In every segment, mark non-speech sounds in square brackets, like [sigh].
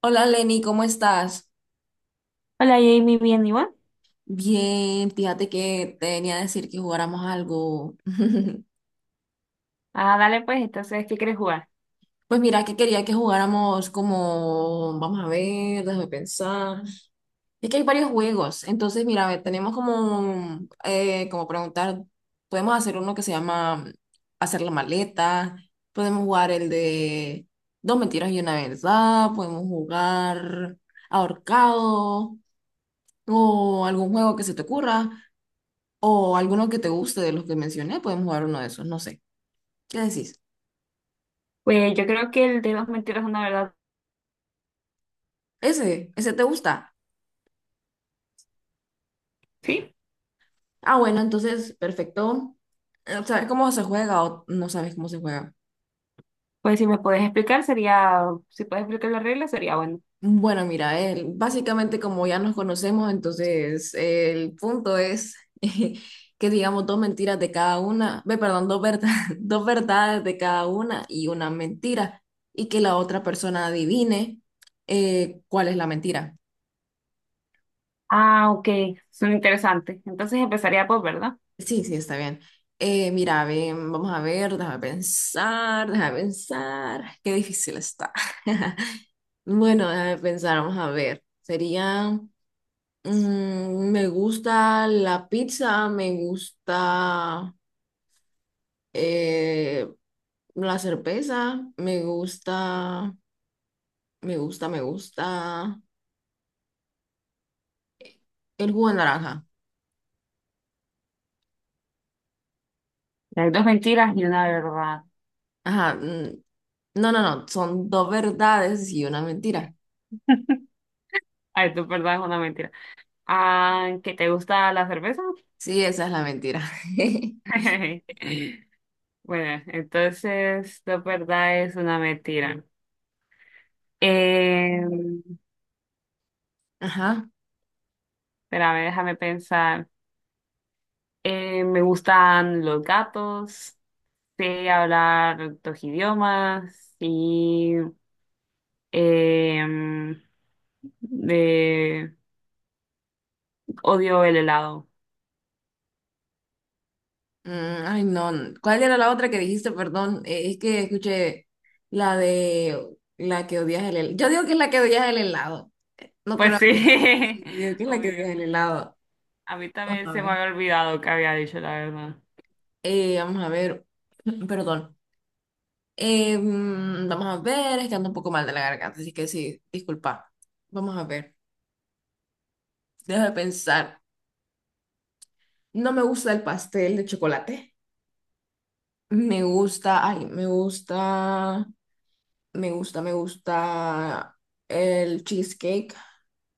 Hola Lenny, ¿cómo estás? Hola Jamie, bien, ¿y vos? Bien, fíjate que te venía a decir que jugáramos algo. [laughs] Ah, dale pues, entonces, ¿qué quieres jugar? Pues mira, que quería que jugáramos como, vamos a ver, déjame pensar. Es que hay varios juegos, entonces mira, a ver, tenemos como, como preguntar, podemos hacer uno que se llama hacer la maleta, podemos jugar el de dos mentiras y una verdad, podemos jugar ahorcado o algún juego que se te ocurra. O alguno que te guste de los que mencioné, podemos jugar uno de esos, no sé. ¿Qué decís? Pues yo creo que el de dos mentiras, una verdad, Ese te gusta. sí. Ah, bueno, entonces, perfecto. ¿Sabes cómo se juega o no sabes cómo se juega? Pues si me puedes explicar, sería, si puedes explicar las reglas, sería bueno. Bueno, mira, básicamente como ya nos conocemos, entonces el punto es [laughs] que digamos dos mentiras de cada una, ve, perdón, [laughs] dos verdades de cada una y una mentira, y que la otra persona adivine cuál es la mentira. Ah, ok, son interesantes. Entonces empezaría por, ¿verdad? Sí, sí, está bien. Mira, ven, vamos a ver, déjame pensar. Qué difícil está. [laughs] Bueno, déjame pensar, vamos a ver. Sería, me gusta la pizza, me gusta eh, la cerveza, me gusta el jugo de naranja. Hay dos mentiras y una verdad. Ajá, mm, no, son dos verdades y una mentira. [laughs] Ay, tu verdad es una mentira. Ah, ¿que te gusta la cerveza? Sí, esa es la mentira. [laughs] Bueno, entonces tu verdad es una mentira. Eh, [laughs] Ajá. Espérame, déjame pensar. Me gustan los gatos, sé hablar dos idiomas y em, de- odio el helado. Mm, ay, no. ¿Cuál era la otra que dijiste? Perdón, es que escuché la de la que odias el helado. Yo digo que es la que odias el helado. No Pues creo que. sí, Sí, yo digo que [laughs] es la que obvio. odias el helado. A mí Vamos también a se me ver. había olvidado que había dicho la verdad. Vamos a ver. [clears throat] Perdón. Vamos a ver. Es que ando un poco mal de la garganta, así que sí, disculpa. Vamos a ver. Deja de pensar. No me gusta el pastel de chocolate. Me gusta. Ay, me gusta. Me gusta el cheesecake.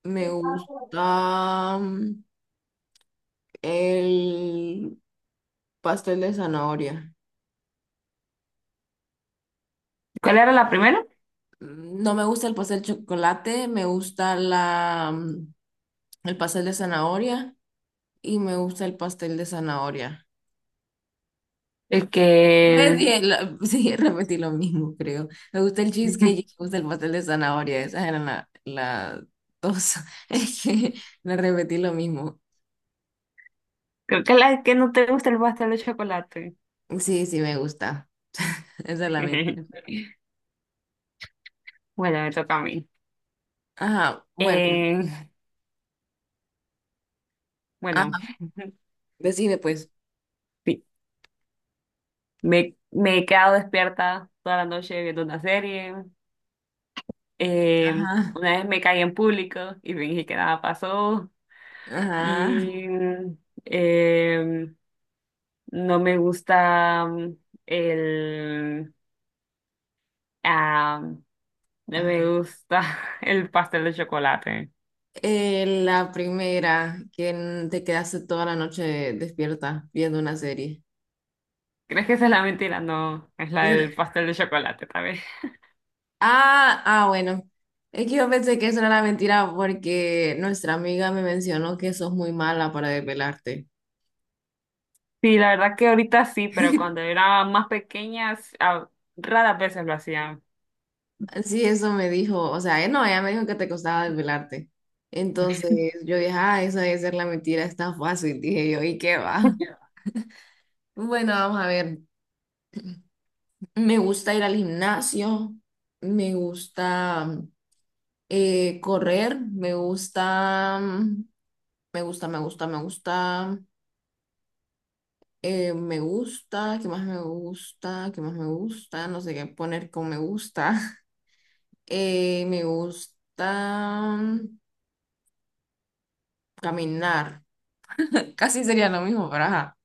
Me gusta el pastel de zanahoria. ¿Cuál era la primera? Mm, no me gusta el pastel de chocolate, me gusta el pastel de zanahoria y me gusta el pastel de zanahoria. Es que [laughs] sí, repetí lo mismo, creo. Me gusta el cheesecake y [laughs] me gusta el pastel de zanahoria. Esas eran las dos. [laughs] Es que le repetí lo mismo. creo que la que no te gusta el pastel de chocolate. Sí, sí, me gusta. Esa es la mentira. [laughs] Bueno, me toca a mí. Ajá, bueno, Eh, bueno. ajá, decide pues. [laughs] Me he quedado despierta toda la noche viendo una serie. Ajá, Una vez me caí en público y fingí que nada pasó. ajá, Y eh, no me gusta el... ah, no ajá. me gusta [laughs] el pastel de chocolate. La primera, que te quedaste toda la noche despierta viendo una serie. ¿Crees que esa es la mentira? No, es la Esa- del pastel de chocolate, tal vez. Ah, ah, bueno. Es que yo pensé que eso era la mentira porque nuestra amiga me mencionó que sos muy mala para desvelarte. Sí, la verdad que ahorita sí, pero cuando era más pequeña, ah, raras veces lo hacía. Sí, eso me dijo, o sea, no, ella me dijo que te costaba desvelarte. Entonces yo dije, ah, eso debe ser la mentira, está fácil, dije yo, ¿y qué va? Bueno, vamos a ver. Me gusta ir al gimnasio, me gusta correr, me gusta, ¿qué más me gusta? ¿Qué más me gusta? No sé qué poner con me gusta. [laughs] Me gusta caminar. [laughs] Casi sería lo mismo, pero ajá.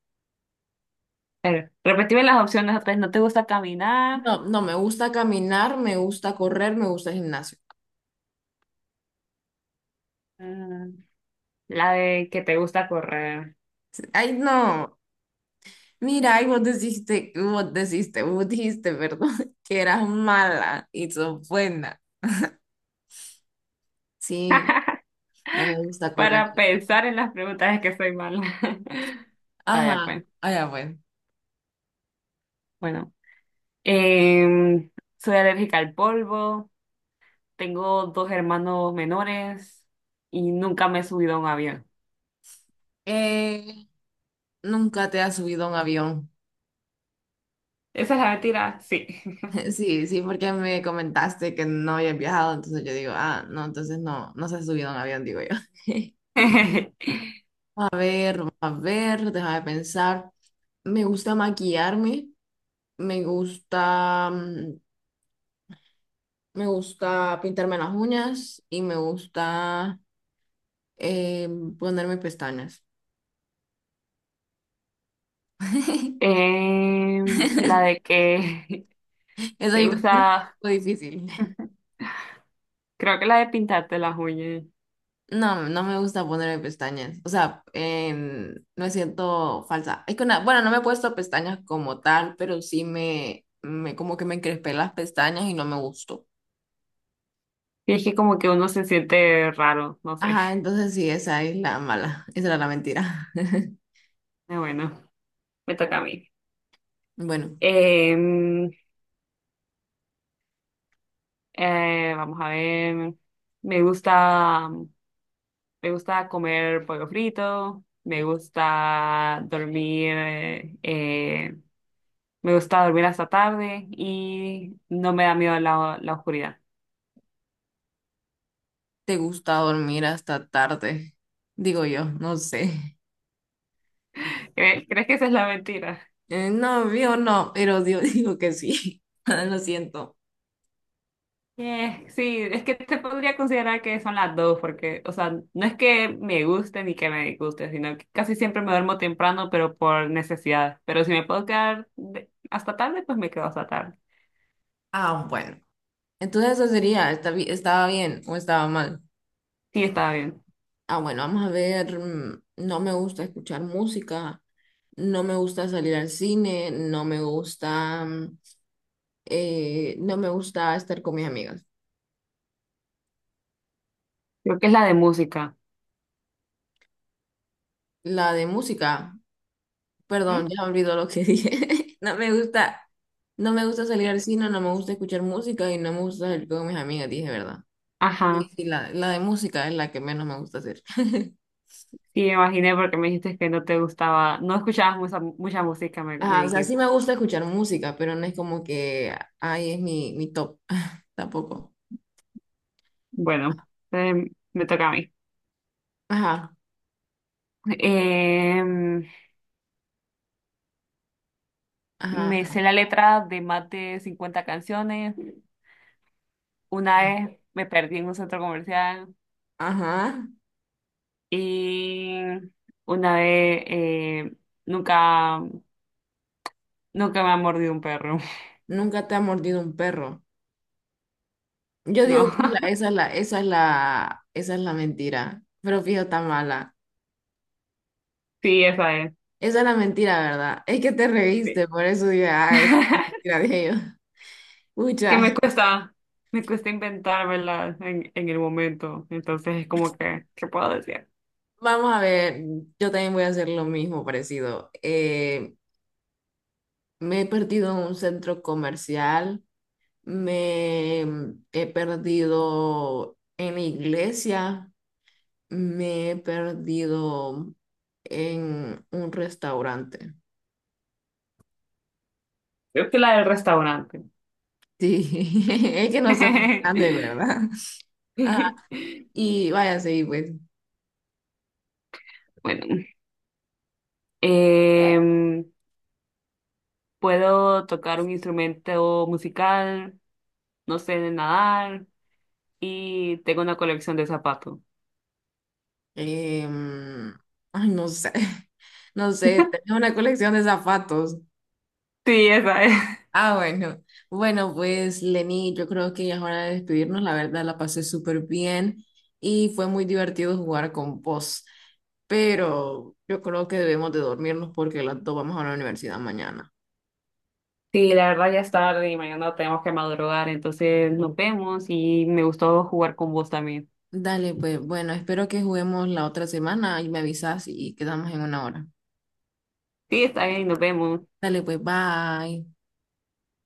A ver, repetime las opciones otra vez. No te gusta caminar, No, no, me gusta caminar, me gusta correr, me gusta el gimnasio. mm, la de que te gusta correr. Ay, no. Mira, y vos dijiste, perdón, [laughs] que eras mala y sos buena. Sí, no me gusta correr, Para la verdad. pensar en las preguntas es que soy mala. [laughs] Vaya, Ajá, pues. allá bueno. Bueno, Em, soy alérgica al polvo, tengo dos hermanos menores y nunca me he subido a un avión. Eh, nunca te has subido a un avión. ¿Esa es la mentira? Sí. [laughs] Sí, sí, porque me comentaste que no habías viajado, entonces yo digo, ah, no, entonces no, no se ha subido a un avión, digo yo. [laughs] [laughs] A ver, déjame pensar. Me gusta maquillarme, me gusta mm, me gusta pintarme las uñas y me gusta eh, ponerme pestañas. [laughs] La de que [laughs] Eso te yo creo que gusta, es un poco difícil. [laughs] creo que la de pintarte las uñas. No, no me gusta ponerme pestañas. O sea, me siento falsa. Es que una, bueno, no me he puesto pestañas como tal, pero sí me como que me encrespé las pestañas y no me gustó. Y es que como que uno se siente raro, no sé. Ajá, [laughs] entonces sí, esa es la mala. Esa era la mentira. [laughs] Bueno, me toca a mí. Bueno, Em, vamos a ver. Me gusta, me gusta comer pollo frito. Me gusta dormir. Me gusta dormir hasta tarde y no me da miedo la oscuridad. ¿te gusta dormir hasta tarde? Digo yo, no sé. ¿Cre- ¿Crees que esa es la mentira? No, yo no, pero Dios [laughs] dijo que sí. [laughs] Lo siento. Yeah, sí, es que te podría considerar que son las dos, porque, o sea, no es que me guste ni que me disguste, sino que casi siempre me duermo temprano, pero por necesidad. Pero si me puedo quedar hasta tarde, pues me quedo hasta tarde. Ah, bueno. Entonces eso sería, estaba bien o estaba mal? Sí, está bien. Ah, bueno, vamos a ver, mm, no me gusta escuchar música, no me gusta salir al cine, no me gusta, mm, no me gusta estar con mis amigas. Creo que es la de música. La de música, perdón, ¿Mm? ya me olvidó lo que [laughs] dije. No me gusta salir al cine, no me gusta escuchar música y no me gusta salir con mis amigas, dije, ¿verdad? Sí, Ajá, sí, la de música es la que menos me gusta hacer. [laughs] sí, me imaginé porque me dijiste que no te gustaba, no escuchabas mucha música, me Ajá, o sea, sí dijiste. me gusta escuchar música, pero no es como que ahí es mi top, [laughs] tampoco. Bueno, me toca a mí. Ajá, Em, me ajá. sé la letra de más de 50 canciones. Una vez me perdí en un centro comercial Ajá. y una vez nunca, nunca me ha mordido un perro. [laughs] Nunca te ha mordido un perro. Yo No, digo que esa es la mentira, pero fíjate tan mala. sí, esa es. Esa es la mentira, ¿verdad? Es que te Sí. reíste, por eso dije, ah, esa es la [laughs] mentira de ellos. [laughs] Que Pucha. Me cuesta inventármela en el momento. Entonces es como que, ¿qué puedo decir? Vamos a ver, yo también voy a hacer lo mismo parecido. Me he perdido en un centro comercial, he perdido en la iglesia, me he perdido en un restaurante. Creo que la del restaurante. Sí, [laughs] es que no soy muy grande, [laughs] ¿verdad? Ajá, y vaya, sí, pues, Bueno, em, puedo tocar un instrumento musical, no sé, de nadar. Y tengo una colección de zapatos. em, ay, no sé, [laughs] no sé, tenía [laughs] una colección de zapatos. Sí, esa es. Ah, bueno. Bueno, pues Lenny, yo creo que ya es hora de despedirnos. La verdad, la pasé súper bien y fue muy divertido jugar con vos. Pero yo creo que debemos de dormirnos porque las dos vamos a la universidad mañana. Sí, la verdad ya es tarde y mañana tenemos que madrugar, entonces nos vemos y me gustó jugar con vos también. Dale, pues bueno, espero que juguemos la otra semana y me avisas y quedamos en una hora. Sí, está bien, nos vemos. Dale, pues bye.